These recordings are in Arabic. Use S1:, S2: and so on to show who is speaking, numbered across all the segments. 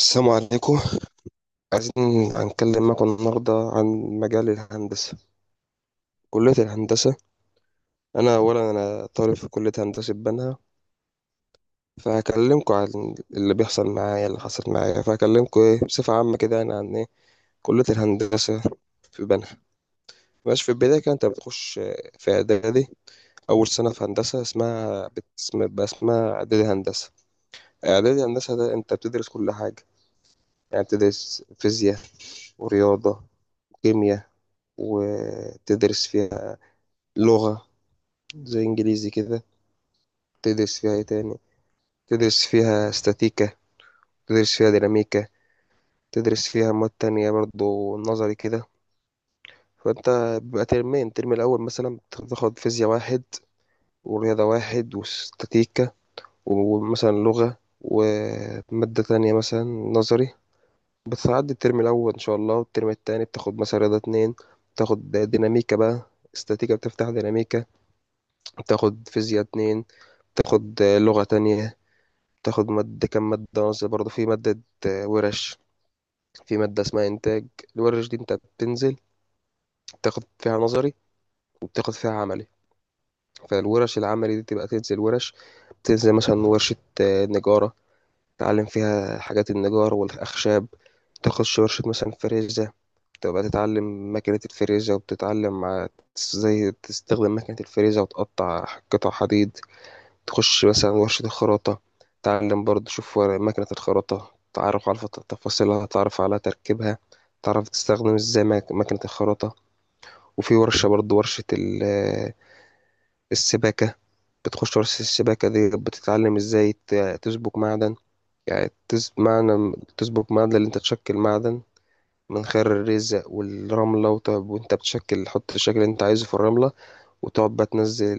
S1: السلام عليكم. عايزين هنتكلم معاكم النهاردة عن مجال الهندسة، كلية الهندسة. أولا أنا طالب في كلية هندسة بنها، فهكلمكم عن اللي بيحصل معايا اللي حصل معايا، فهكلمكم بصفة عامة كده يعني عن كلية الهندسة في بنها. ماشي، في البداية كده أنت بتخش في إعدادي. أول سنة في هندسة اسمها بقى اسمها إعدادي هندسة. إعدادي هندسة ده أنت بتدرس كل حاجة، يعني بتدرس فيزياء ورياضة وكيمياء، وتدرس فيها لغة زي إنجليزي كده. تدرس فيها إيه تاني؟ تدرس فيها استاتيكا، تدرس فيها ديناميكا، تدرس فيها مواد تانية برضو نظري كده. فأنت بيبقى ترمين. الترم الأول مثلا بتاخد فيزياء واحد ورياضة واحد واستاتيكا ومثلا لغة ومادة تانية مثلا نظري. بتعدي الترم الأول إن شاء الله، والترم التاني بتاخد مثلا رياضة اتنين، بتاخد ديناميكا بقى، استاتيكا بتفتح ديناميكا، بتاخد فيزياء اتنين، بتاخد لغة تانية، تاخد مادة كام مادة نظري برضه. في مادة ورش، في مادة اسمها إنتاج. الورش دي أنت بتنزل تاخد فيها نظري وبتاخد فيها عملي. فالورش العملي دي تبقى تنزل ورش. تنزل مثلا ورشة نجارة، تتعلم فيها حاجات النجار والأخشاب. تاخد ورشة مثلا فريزة، تبقى تتعلم ماكينة الفريزة، وبتتعلم ازاي تستخدم ماكينة الفريزة وتقطع قطع حديد. تخش مثلا ورشة الخراطة، تعلم برضه تشوف مكنة الخراطة، تعرف على تفاصيلها، تعرف على تركيبها، تعرف تستخدم ازاي مكنة الخراطة. وفي ورشة برضه، ورشة السباكة. بتخش ورشة السباكة دي بتتعلم ازاي تسبك معدن. يعني معنى تسبك معدن اللي انت تشكل معدن من خير الرزق والرملة، وت- وانت بتشكل تحط الشكل اللي انت عايزه في الرملة، وتقعد بقى تنزل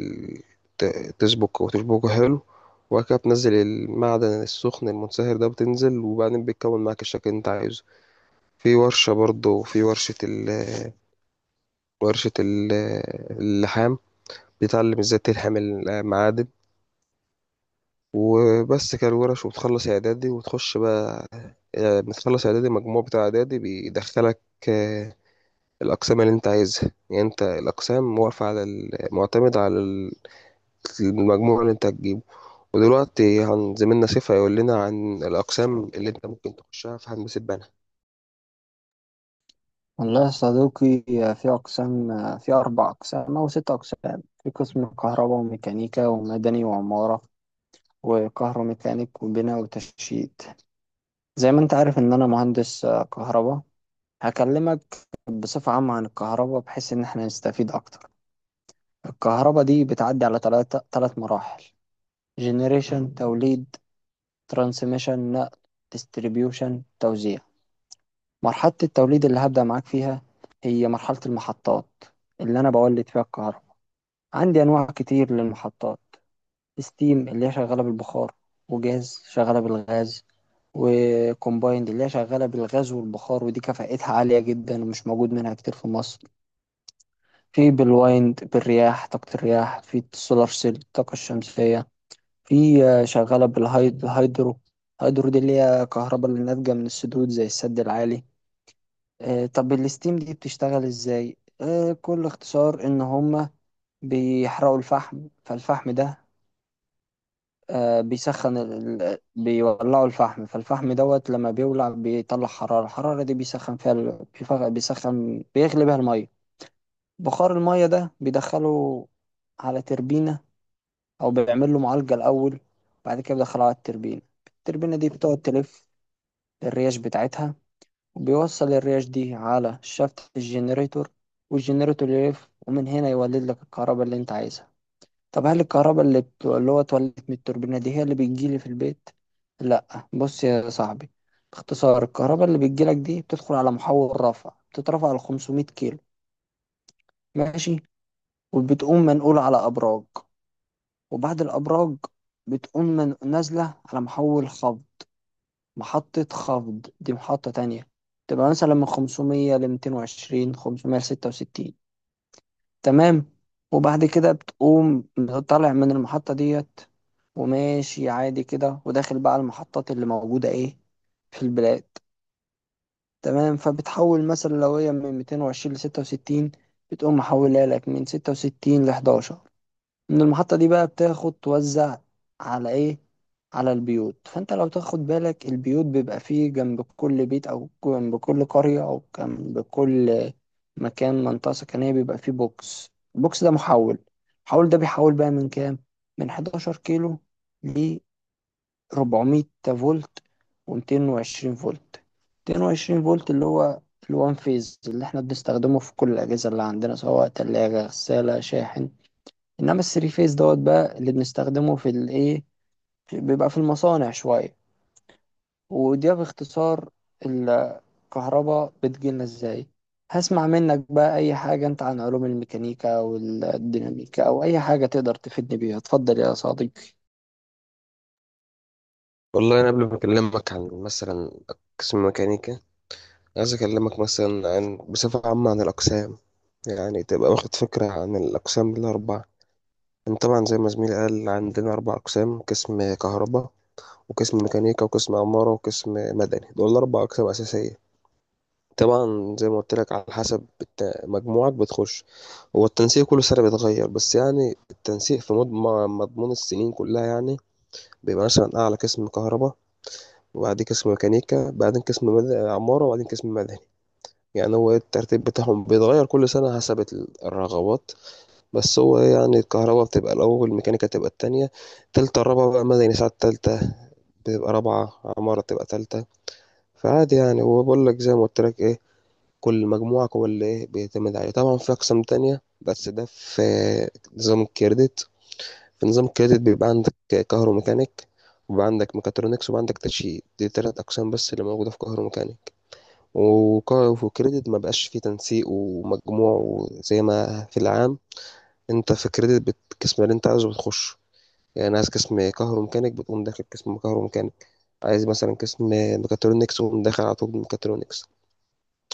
S1: تسبك وتشبكه حلو. وبعد كده بتنزل المعدن السخن المنصهر ده، بتنزل وبعدين بيتكون معاك الشكل اللي انت عايزه. في ورشة برضه، في ورشة ال ورشة ال- اللحام، بتتعلم ازاي تلحم المعادن. وبس كده الورش. وبتخلص اعدادي وتخش بقى، يعني بتخلص اعدادي المجموع بتاع اعدادي بيدخلك آه، الاقسام اللي انت عايزها. يعني انت الاقسام واقفة على معتمد على المجموع اللي انت هتجيبه. ودلوقتي هن زميلنا سيف هيقول لنا عن الأقسام اللي انت ممكن تخشها في هندسة بنا.
S2: والله يا صديقي، في أقسام. في أربع أقسام أو ست أقسام. في قسم كهرباء وميكانيكا ومدني وعمارة وكهروميكانيك وبناء وتشييد. زي ما أنت عارف إن أنا مهندس كهرباء. هكلمك بصفة عامة عن الكهرباء بحيث إن إحنا نستفيد أكتر. الكهرباء دي بتعدي على تلاتة تلات مراحل: جنريشن توليد، ترانسميشن نقل، ديستريبيوشن توزيع. مرحلة التوليد اللي هبدأ معاك فيها هي مرحلة المحطات اللي أنا بولد فيها الكهرباء. عندي أنواع كتير للمحطات: ستيم اللي هي شغالة بالبخار، وجاز شغالة بالغاز، وكومبايند اللي هي شغالة بالغاز والبخار ودي كفاءتها عالية جدا ومش موجود منها كتير في مصر. في بالوايند بالرياح طاقة الرياح، في السولار سيل الطاقة الشمسية، في شغالة بالهيدرو. الهيدرو دي اللي هي كهرباء اللي ناتجة من السدود زي السد العالي. طب الستيم دي بتشتغل ازاي؟ كل اختصار ان هما بيحرقوا الفحم. فالفحم ده بيسخن بيولعوا الفحم، فالفحم دوت لما بيولع بيطلع حرارة، الحرارة دي بيسخن فيها بيسخن بيغلي بيها المية. بخار المية ده بيدخله على تربينة، أو بيعمل له معالجة الأول بعد كده بيدخله على التربينة. التربينة دي بتقعد تلف الرياش بتاعتها، وبيوصل الرياش دي على شافت الجنريتور، والجنريتور يلف، ومن هنا يولد لك الكهرباء اللي انت عايزها. طب هل الكهرباء اللي اللي هو اتولدت من التوربينة دي هي اللي بتجيلي في البيت؟ لا، بص يا صاحبي، باختصار الكهرباء اللي بتجيلك دي بتدخل على محول رفع، بتترفع ل 500 كيلو. ماشي. وبتقوم منقولة على أبراج، وبعد الأبراج بتقوم من نازلة على محول خفض. محطة خفض دي محطة تانية، تبقى مثلا من 500 ل 220 566. تمام. وبعد كده بتقوم طالع من المحطة ديت، وماشي عادي كده، وداخل بقى على المحطات اللي موجودة ايه في البلاد. تمام. فبتحول مثلا لو هي من 220 ل 66، بتقوم محولها لك من 66 ل 11. من المحطة دي بقى بتاخد توزع على ايه؟ على البيوت. فانت لو تاخد بالك البيوت بيبقى فيه جنب كل بيت او جنب كل قرية او جنب كل مكان منطقة سكنية بيبقى فيه بوكس. البوكس ده محول. المحول ده بيحول بقى من كام؟ من 11 كيلو ل 400 فولت و220 فولت. 220 فولت اللي هو الوان فيز اللي احنا بنستخدمه في كل الأجهزة اللي عندنا سواء تلاجة، غسالة، شاحن. انما الثري فيز دوت بقى اللي بنستخدمه في الايه، بيبقى في المصانع شويه. وده باختصار الكهرباء بتجيلنا ازاي. هسمع منك بقى اي حاجه انت عن علوم الميكانيكا والديناميكا او اي حاجه تقدر تفيدني بيها. اتفضل يا صديقي.
S1: والله أنا قبل ما أكلمك عن مثلا قسم ميكانيكا، عايز أكلمك مثلا عن بصفة عامة عن الأقسام، يعني تبقى واخد فكرة عن الأقسام الأربعة. يعني طبعا زي ما زميلي قال، عندنا أربع أقسام: قسم كهرباء وقسم ميكانيكا وقسم عمارة وقسم مدني. دول أربع أقسام أساسية. طبعا زي ما قلت لك، على حسب مجموعك بتخش. هو التنسيق كل سنة بيتغير، بس يعني التنسيق في مضمون السنين كلها يعني. بيبقى مثلا أعلى قسم كهرباء، وبعدين قسم ميكانيكا، بعدين قسم عمارة، وبعدين قسم مدني. يعني هو الترتيب بتاعهم بيتغير كل سنة حسب الرغبات. بس هو يعني الكهرباء بتبقى الأول، الميكانيكا تبقى التانية، تالتة الرابعة بقى مدني، ساعات تالتة بتبقى رابعة، عمارة بتبقى تالتة. فعادي يعني. هو بقول لك زي ما قلت لك إيه، كل مجموعة هو اللي إيه بيعتمد عليه. طبعا في أقسام تانية، بس ده في نظام الكريدت. في نظام الكريدت بيبقى عندك كهروميكانيك، وبيبقى عندك ميكاترونكس، وبيبقى عندك تشييد. دي تلات أقسام بس اللي موجودة في كهروميكانيك. وكا- وفي الكريدت ما بقاش فيه تنسيق ومجموع زي ما في العام. أنت في الكريدت القسم اللي أنت عايزه بتخش، يعني عايز قسم كهروميكانيك بتقوم داخل قسم كهروميكانيك. عايز مثلا قسم ميكاترونكس وقوم داخل على طول ميكاترونكس.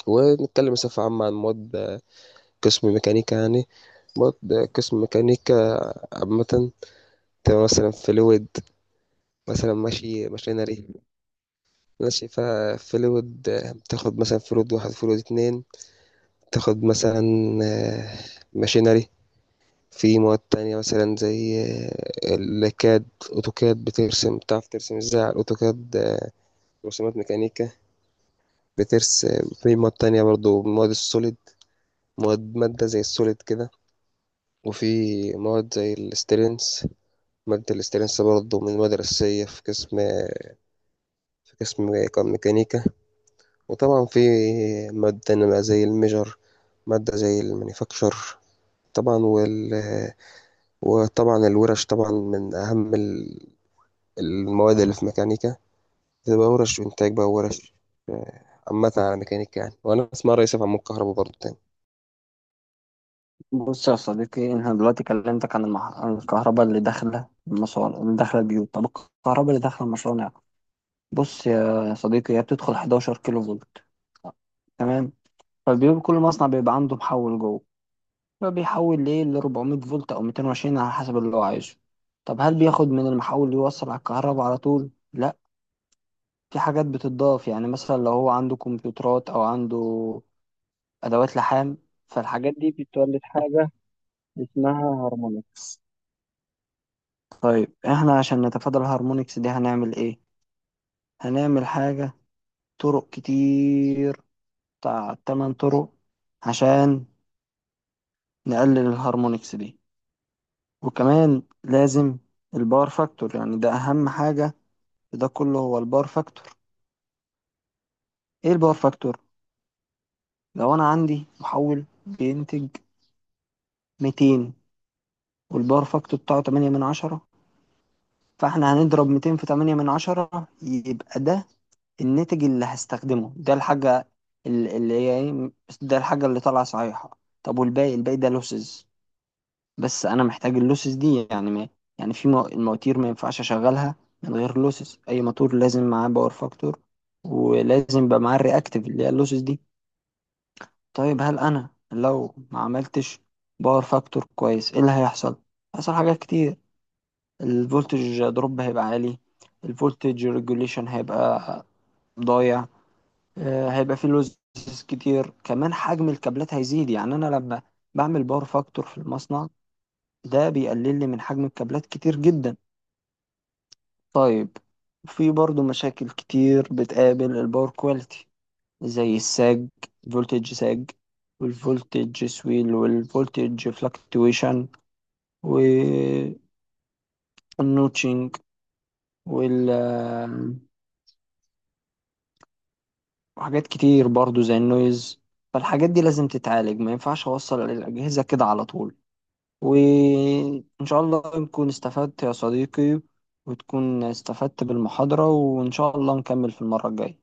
S1: ونتكلم بصفة عامة عن مواد قسم ميكانيكا يعني. برضه قسم ميكانيكا عامة، تبقى مثلا فلويد، مثلا ماشي ماشينري. ماشي فيها فلويد، بتاخد مثلا فلويد واحد فلويد اتنين، تاخد مثلا آه، ماشينري. في مواد تانية مثلا زي الكاد، أوتوكاد، بترسم بتعرف ترسم ازاي على الأوتوكاد رسومات ميكانيكا. بترسم في مواد تانية برضو، مواد السوليد، مواد مادة زي السوليد كده. وفي مواد زي الستيرنس، مادة الاسترنس برضه من المدرسية في قسم كان ميكانيكا. وطبعا في مادة نبقى زي الميجر، مادة زي المانيفاكتشر. طبعا وطبعا الورش طبعا من أهم المواد اللي في ميكانيكا. بتبقى ورش إنتاج بقى ورش آه، عامة على ميكانيكا يعني. وأنا اسمها رئيس عمود كهرباء برضه تاني.
S2: بص يا صديقي، انا دلوقتي كلمتك عن، عن الكهرباء اللي داخله المصانع اللي داخله البيوت. طب الكهرباء اللي داخله المصانع، بص يا صديقي، هي بتدخل 11 كيلو فولت. تمام. فالبيوت كل مصنع بيبقى عنده محول جوه، هو بيحول ليه ل 400 فولت او 220 على حسب اللي هو عايزه. طب هل بياخد من المحول يوصل على الكهرباء على طول؟ لا، في حاجات بتضاف. يعني مثلا لو هو عنده كمبيوترات او عنده ادوات لحام، فالحاجات دي بتولد حاجة اسمها هارمونكس. طيب احنا عشان نتفادى الهارمونكس دي هنعمل ايه؟ هنعمل حاجة، طرق كتير، بتاع 8 طرق عشان نقلل الهارمونكس دي. وكمان لازم الباور فاكتور، يعني ده اهم حاجة، ده كله هو الباور فاكتور. ايه الباور فاكتور؟ لو انا عندي محول بينتج 200، والباور فاكتور بتاعه 8 من 10، فاحنا هنضرب 200 في 8 من 10، يبقى ده الناتج اللي هستخدمه، ده الحاجة اللي هي ايه، ده الحاجة اللي طالعة صحيحة. طب والباقي، الباقي ده لوسز. بس انا محتاج اللوسز دي، يعني ما، يعني في المواتير ما ينفعش اشغلها من غير لوسز. اي موتور لازم معاه باور فاكتور، ولازم يبقى معاه الرياكتيف اللي هي اللوسز دي. طيب هل انا لو ما عملتش باور فاكتور كويس، ايه اللي هيحصل؟ هيحصل حاجات كتير. الفولتج دروب هيبقى عالي، الفولتج ريجوليشن هيبقى ضايع، هيبقى فيه لوزز كتير، كمان حجم الكابلات هيزيد. يعني انا لما بعمل باور فاكتور في المصنع، ده بيقلل لي من حجم الكابلات كتير جدا. طيب، في برضو مشاكل كتير بتقابل الباور كواليتي، زي الساج، فولتج ساج، والفولتج سويل، والفولتج فلكتويشن، والنوتشنج، وال، وحاجات كتير برضو زي النويز. فالحاجات دي لازم تتعالج، ما ينفعش اوصل الأجهزة كده على طول. وإن شاء الله نكون استفدت يا صديقي، وتكون استفدت بالمحاضرة، وإن شاء الله نكمل في المرة الجاية.